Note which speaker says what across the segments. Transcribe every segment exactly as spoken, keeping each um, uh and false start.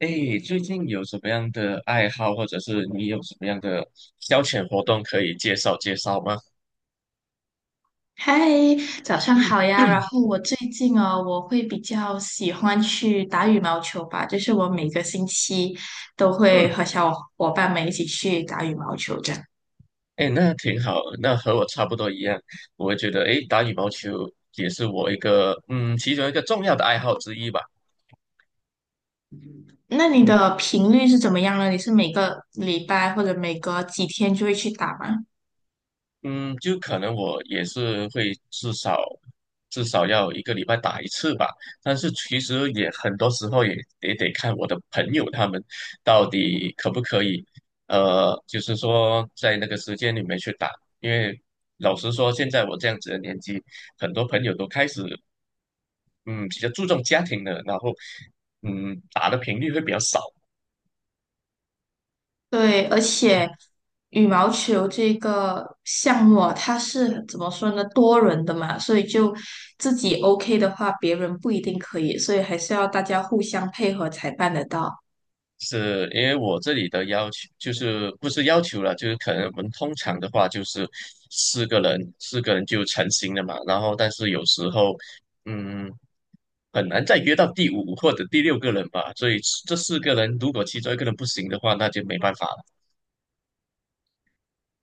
Speaker 1: 哎，最近有什么样的爱好，或者是你有什么样的消遣活动可以介绍介绍吗？
Speaker 2: 嗨，早上
Speaker 1: 嗯
Speaker 2: 好呀。然后我最近哦，我会比较喜欢去打羽毛球吧，就是我每个星期都会
Speaker 1: 嗯，
Speaker 2: 和小伙伴们一起去打羽毛球这样。
Speaker 1: 哎，那挺好，那和我差不多一样，我会觉得，哎，打羽毛球也是我一个，嗯，其中一个重要的爱好之一吧。
Speaker 2: 那你
Speaker 1: 嗯。
Speaker 2: 的频率是怎么样呢？你是每个礼拜或者每隔几天就会去打吗？
Speaker 1: 嗯，就可能我也是会至少至少要一个礼拜打一次吧，但是其实也很多时候也也得看我的朋友他们到底可不可以，呃，就是说在那个时间里面去打，因为老实说，现在我这样子的年纪，很多朋友都开始嗯比较注重家庭了，然后嗯打的频率会比较少。
Speaker 2: 对，而且羽毛球这个项目啊，它是怎么说呢？多人的嘛，所以就自己 OK 的话，别人不一定可以，所以还是要大家互相配合才办得到。
Speaker 1: 是因为我这里的要求就是不是要求了，就是可能我们通常的话就是四个人，四个人就成型了嘛。然后但是有时候，嗯，很难再约到第五或者第六个人吧。所以这四个人如果其中一个人不行的话，那就没办法了。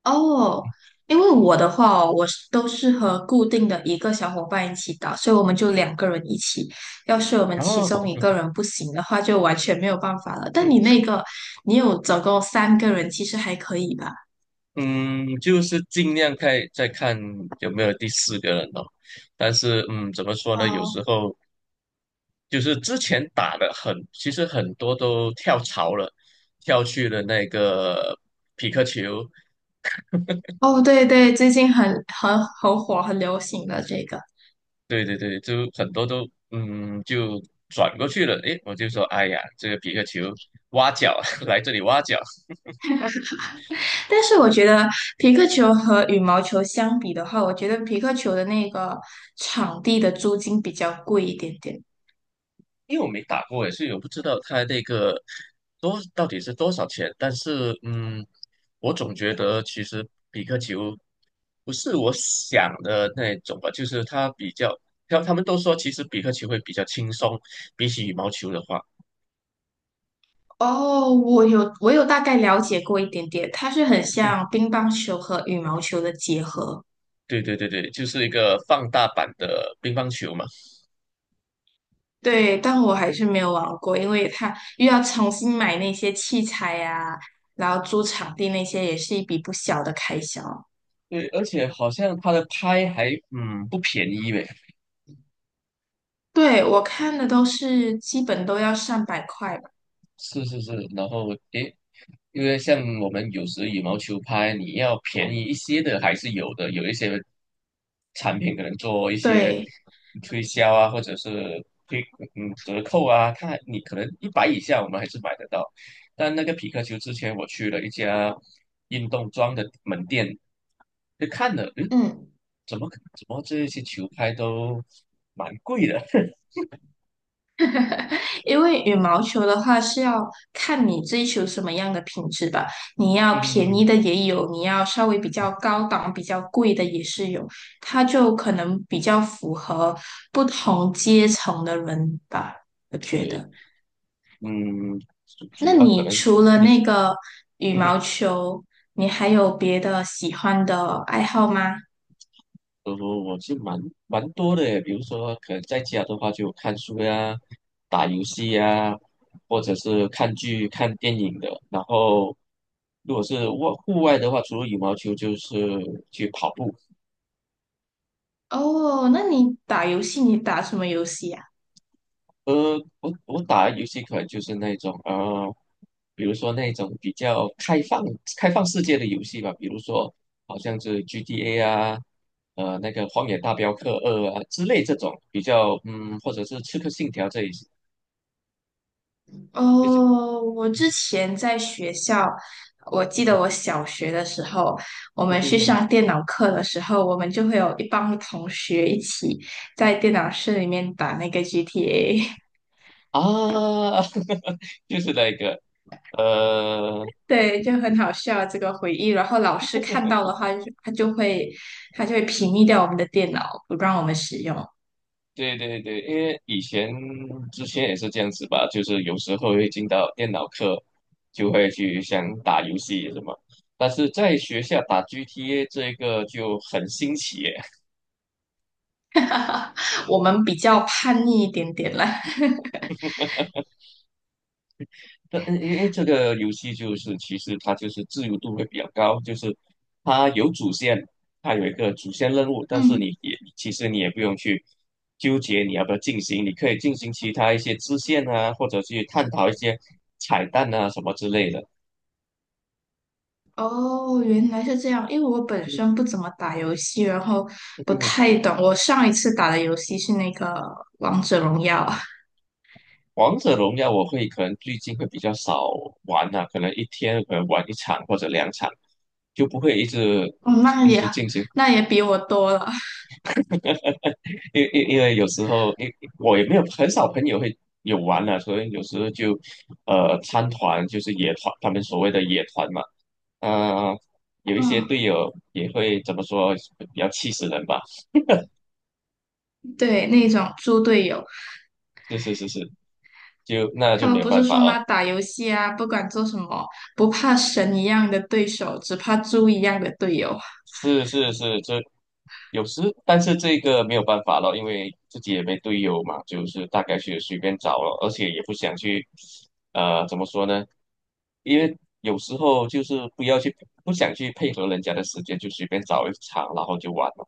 Speaker 2: 哦，因为我的话哦我是都是和固定的一个小伙伴一起打，所以我们就两个人一起。要是我们
Speaker 1: 然
Speaker 2: 其
Speaker 1: 后，
Speaker 2: 中一个人不行的话，就完全没有办法了。但
Speaker 1: 嗯
Speaker 2: 你那个，你有总共三个人，其实还可以吧？
Speaker 1: 嗯，就是尽量看再看有没有第四个人哦。但是，嗯，怎么说呢？有
Speaker 2: 哦
Speaker 1: 时候。就是之前打的很，其实很多都跳槽了，跳去了那个匹克球，
Speaker 2: 哦，对对，最近很很很火，很流行的这个。
Speaker 1: 对对对，就很多都嗯就转过去了。诶，我就说，哎呀，这个匹克球挖角 来这里挖角，
Speaker 2: 但是我觉得皮克球和羽毛球相比的话，我觉得皮克球的那个场地的租金比较贵一点点。
Speaker 1: 因为我没打过诶，所以我不知道它那个多到底是多少钱。但是，嗯，我总觉得其实比克球不是我想的那种吧，就是它比较，他他们都说其实比克球会比较轻松，比起羽毛球的话，
Speaker 2: 哦，我有我有大概了解过一点点，它是很像 乒乓球和羽毛球的结合。
Speaker 1: 对对对对，就是一个放大版的乒乓球嘛。
Speaker 2: 对，但我还是没有玩过，因为它又要重新买那些器材呀、然后租场地那些也是一笔不小的开销。
Speaker 1: 对，而且好像它的拍还嗯不便宜呗。
Speaker 2: 对，我看的都是基本都要上百块吧。
Speaker 1: 是是是，然后诶，因为像我们有时羽毛球拍，你要便宜一些的还是有的，有一些产品可能做一些
Speaker 2: 对，
Speaker 1: 推销啊，或者是推嗯折扣啊，它你可能一百以下我们还是买得到。但那个匹克球之前我去了一家运动装的门店，就看了，嗯，
Speaker 2: 嗯。
Speaker 1: 怎么怎么这些球拍都蛮贵的？
Speaker 2: 因为羽毛球的话是要看你追求什么样的品质吧，你要便宜
Speaker 1: 嗯，
Speaker 2: 的也有，你要稍微比较高档、比较贵的也是有，它就可能比较符合不同阶层的人吧，我觉
Speaker 1: 对，
Speaker 2: 得。
Speaker 1: 嗯，主
Speaker 2: 那
Speaker 1: 主要可
Speaker 2: 你
Speaker 1: 能
Speaker 2: 除了
Speaker 1: 也
Speaker 2: 那
Speaker 1: 是。
Speaker 2: 个羽
Speaker 1: 嗯。
Speaker 2: 毛球，你还有别的喜欢的爱好吗？
Speaker 1: 我我我是蛮蛮多的耶，比如说可能在家的话就看书呀、打游戏呀，或者是看剧、看电影的。然后如果是外户外的话，除了羽毛球就是去跑步。
Speaker 2: 哦，那你打游戏，你打什么游戏呀？
Speaker 1: 呃，我我打的游戏可能就是那种呃，比如说那种比较开放开放世界的游戏吧，比如说好像是 G T A 啊，呃那个《荒野大镖客二》啊之类这种比较嗯，或者是《刺客信条》这一些。
Speaker 2: 哦，我之前在学校，我
Speaker 1: 嗯
Speaker 2: 记
Speaker 1: 哼
Speaker 2: 得我小学的时候，我
Speaker 1: 嗯
Speaker 2: 们
Speaker 1: 哼
Speaker 2: 去
Speaker 1: 哼
Speaker 2: 上电脑课的时候，我们就会有一帮同学一起在电脑室里面打那个 G T A，
Speaker 1: 啊，就是那个，呃，
Speaker 2: 对，就很好笑这个回忆。然后老师看到的话，就他就会他就会屏蔽掉我们的电脑，不让我们使用。
Speaker 1: 对对对，因为以前之前也是这样子吧，就是有时候会进到电脑课，就会去想打游戏什么，但是在学校打 G T A 这个就很新奇耶
Speaker 2: 我们比较叛逆一点点啦。
Speaker 1: 对，嗯因为这个游戏就是其实它就是自由度会比较高，就是它有主线，它有一个主线任务，但是你
Speaker 2: 嗯。
Speaker 1: 也其实你也不用去纠结你要不要进行，你可以进行其他一些支线啊，或者去探讨一些彩蛋啊什么之类的。
Speaker 2: 哦，原来是这样。因为我本身不怎么打游戏，然后不
Speaker 1: 嗯，
Speaker 2: 太懂。我上一次打的游戏是那个《王者荣耀》。
Speaker 1: 王者荣耀我会可能最近会比较少玩了、可能一天可能玩一场或者两场，就不会一直
Speaker 2: 哦，那
Speaker 1: 一
Speaker 2: 也
Speaker 1: 直进行
Speaker 2: 那也比我多了。
Speaker 1: 因因因为有时候，因我也没有很少朋友会有玩啊，所以有时候就呃参团，就是野团，他们所谓的野团嘛。呃，有一些
Speaker 2: 嗯，
Speaker 1: 队友也会怎么说，比较气死人吧。
Speaker 2: 对，那种猪队友。
Speaker 1: 是是是是，就那就
Speaker 2: 他
Speaker 1: 没
Speaker 2: 们
Speaker 1: 有
Speaker 2: 不
Speaker 1: 办
Speaker 2: 是
Speaker 1: 法
Speaker 2: 说
Speaker 1: 了。
Speaker 2: 吗？打游戏啊，不管做什么，不怕神一样的对手，只怕猪一样的队友。
Speaker 1: 是是是，这有时，但是这个没有办法了，因为自己也没队友嘛，就是大概去随便找了，而且也不想去，呃，怎么说呢？因为有时候就是不要去，不想去配合人家的时间，就随便找一场，然后就完了。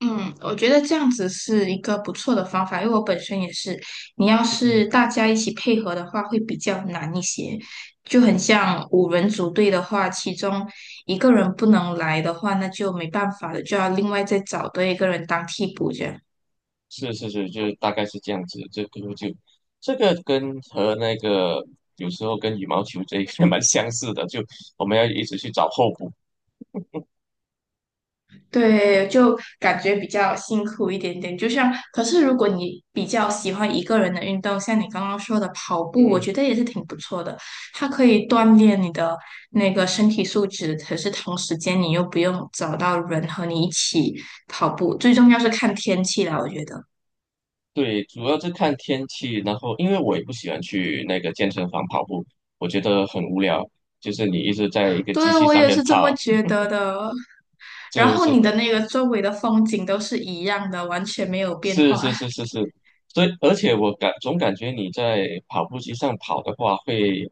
Speaker 2: 嗯，我觉得这样子是一个不错的方法，因为我本身也是，你要是
Speaker 1: 嗯，
Speaker 2: 大家一起配合的话，会比较难一些。就很像五人组队的话，其中一个人不能来的话，那就没办法了，就要另外再找多一个人当替补这样。
Speaker 1: 是是是，就大概是这样子。这个就这个跟和那个有时候跟羽毛球这一个 蛮相似的，就我们要一直去找候补。
Speaker 2: 对，就感觉比较辛苦一点点。就像，可是如果你比较喜欢一个人的运动，像你刚刚说的跑步，我
Speaker 1: 嗯。
Speaker 2: 觉得也是挺不错的。它可以锻炼你的那个身体素质，可是同时间你又不用找到人和你一起跑步。最重要是看天气啦，我觉得。
Speaker 1: 对，主要是看天气，然后因为我也不喜欢去那个健身房跑步，我觉得很无聊，就是你一直在一个机
Speaker 2: 对，
Speaker 1: 器
Speaker 2: 我
Speaker 1: 上
Speaker 2: 也
Speaker 1: 面
Speaker 2: 是这么
Speaker 1: 跑，
Speaker 2: 觉得的。然
Speaker 1: 就
Speaker 2: 后
Speaker 1: 是
Speaker 2: 你的那个周围的风景都是一样的，完全没有变
Speaker 1: 是
Speaker 2: 化。
Speaker 1: 是是是是，所以而且我感总感觉你在跑步机上跑的话会，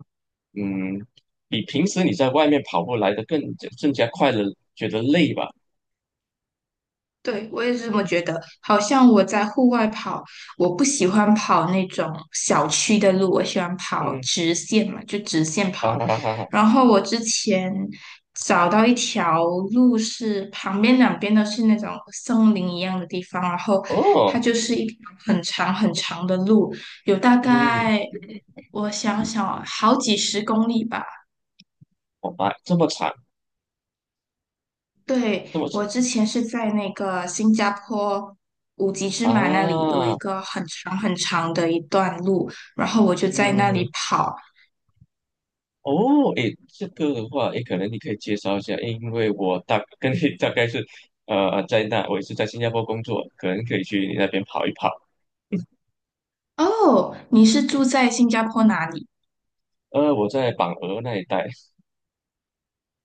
Speaker 1: 嗯，比平时你在外面跑步来的更更加快乐，觉得累吧？
Speaker 2: 对，我也是这么觉得。好像我在户外跑，我不喜欢跑那种小区的路，我喜欢跑
Speaker 1: 嗯，
Speaker 2: 直线嘛，就直线
Speaker 1: 哈
Speaker 2: 跑。
Speaker 1: 哈哈哈哈，
Speaker 2: 然后我之前找到一条路是旁边两边都是那种森林一样的地方，然后它
Speaker 1: 哦，
Speaker 2: 就是一条很长很长的路，有大
Speaker 1: 嗯，
Speaker 2: 概我想想啊好几十公里吧。
Speaker 1: 我白这么惨，
Speaker 2: 对，
Speaker 1: 这么长
Speaker 2: 我之前是在那个新加坡五级芝马那里有一
Speaker 1: 啊，
Speaker 2: 个很长很长的一段路，然后我就在那
Speaker 1: 嗯。
Speaker 2: 里跑。
Speaker 1: 哦，诶，这个的话，诶，可能你可以介绍一下，诶因为我大跟你 大概是，呃，在那我也是在新加坡工作，可能可以去你那边跑一跑。
Speaker 2: 哦，你是住在新加坡哪里？
Speaker 1: 呃，我在榜鹅那一带，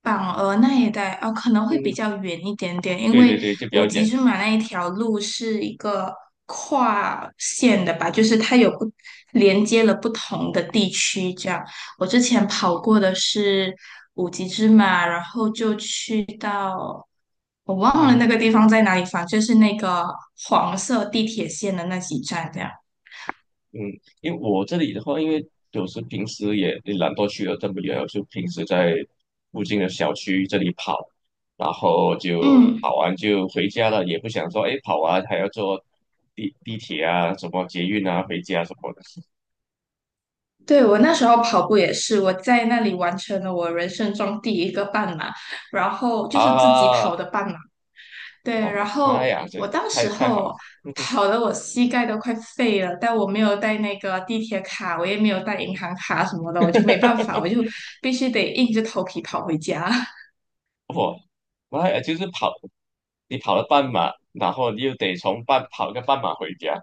Speaker 2: 榜鹅那一带哦，可能会比
Speaker 1: 嗯，
Speaker 2: 较远一点点，因
Speaker 1: 对对
Speaker 2: 为
Speaker 1: 对，就比较
Speaker 2: 五级
Speaker 1: 远，
Speaker 2: 芝马那一条路是一个跨线的吧，就是它有不连接了不同的地区这样。我之前跑过的是五级芝马，然后就去到。我忘了
Speaker 1: 嗯
Speaker 2: 那个地方在哪里，反正就是那个黄色地铁线的那几站这样。
Speaker 1: 嗯，因为我这里的话，因为有时平时也也懒惰去了这么远，我就平时在附近的小区这里跑，然后就
Speaker 2: 嗯，
Speaker 1: 跑完就回家了，也不想说，诶，跑完还要坐地地铁啊，什么捷运啊，回家什么的。
Speaker 2: 对，我那时候跑步也是，我在那里完成了我人生中第一个半马，然后就是自己
Speaker 1: 啊，
Speaker 2: 跑的半马。对，
Speaker 1: 哦
Speaker 2: 然
Speaker 1: 妈妈
Speaker 2: 后
Speaker 1: 呀，
Speaker 2: 我
Speaker 1: 这
Speaker 2: 当时
Speaker 1: 太太好了，
Speaker 2: 候跑的我膝盖都快废了，但我没有带那个地铁卡，我也没有带银行卡什么的，我就没办 法，我就必须得硬着头皮跑回家。
Speaker 1: 我妈呀，就是跑，你跑了半马，然后你又得从半跑个半马回家，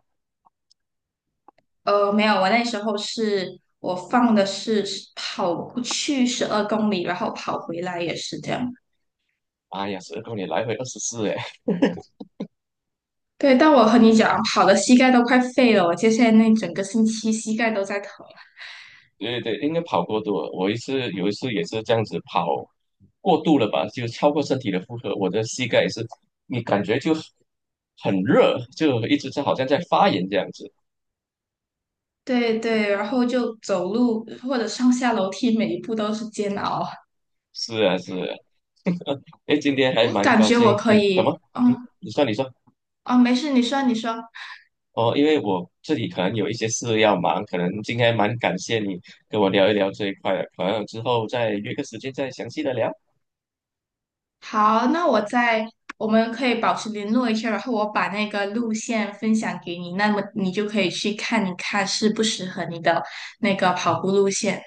Speaker 2: 呃，没有，我那时候是我放的是跑去十二公里，然后跑回来也是这样。
Speaker 1: 哎呀，十二公里来回二十四，哎，
Speaker 2: 对，但我和你讲，跑的膝盖都快废了，我接下来那整个星期膝盖都在疼。
Speaker 1: 对对，应该跑过度了。我一次有一次也是这样子跑过度了吧，就超过身体的负荷，我的膝盖也是，你感觉就很热，就一直在好像在发炎这样子。
Speaker 2: 对对，然后就走路或者上下楼梯，每一步都是煎熬。
Speaker 1: 是啊，是啊，哎，今天还
Speaker 2: 我
Speaker 1: 蛮
Speaker 2: 感
Speaker 1: 高
Speaker 2: 觉我
Speaker 1: 兴
Speaker 2: 可
Speaker 1: 跟，怎
Speaker 2: 以，
Speaker 1: 么？嗯，
Speaker 2: 嗯。
Speaker 1: 你说，你说。
Speaker 2: 啊，没事，你说你说。
Speaker 1: 哦，因为我自己可能有一些事要忙，可能今天蛮感谢你跟我聊一聊这一块的，可能之后再约个时间再详细的聊。
Speaker 2: 好，那我在，我们可以保持联络一下，然后我把那个路线分享给你，那么你就可以去看一看适不适合你的那个跑
Speaker 1: 嗯，
Speaker 2: 步路线。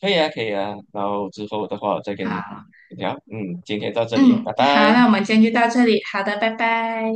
Speaker 1: 可以啊，可以啊。然后之后的话，我再跟你
Speaker 2: 好，
Speaker 1: 聊。嗯，今天到这里，
Speaker 2: 嗯，
Speaker 1: 拜
Speaker 2: 好，
Speaker 1: 拜。
Speaker 2: 那我们今天就到这里，好的，拜拜。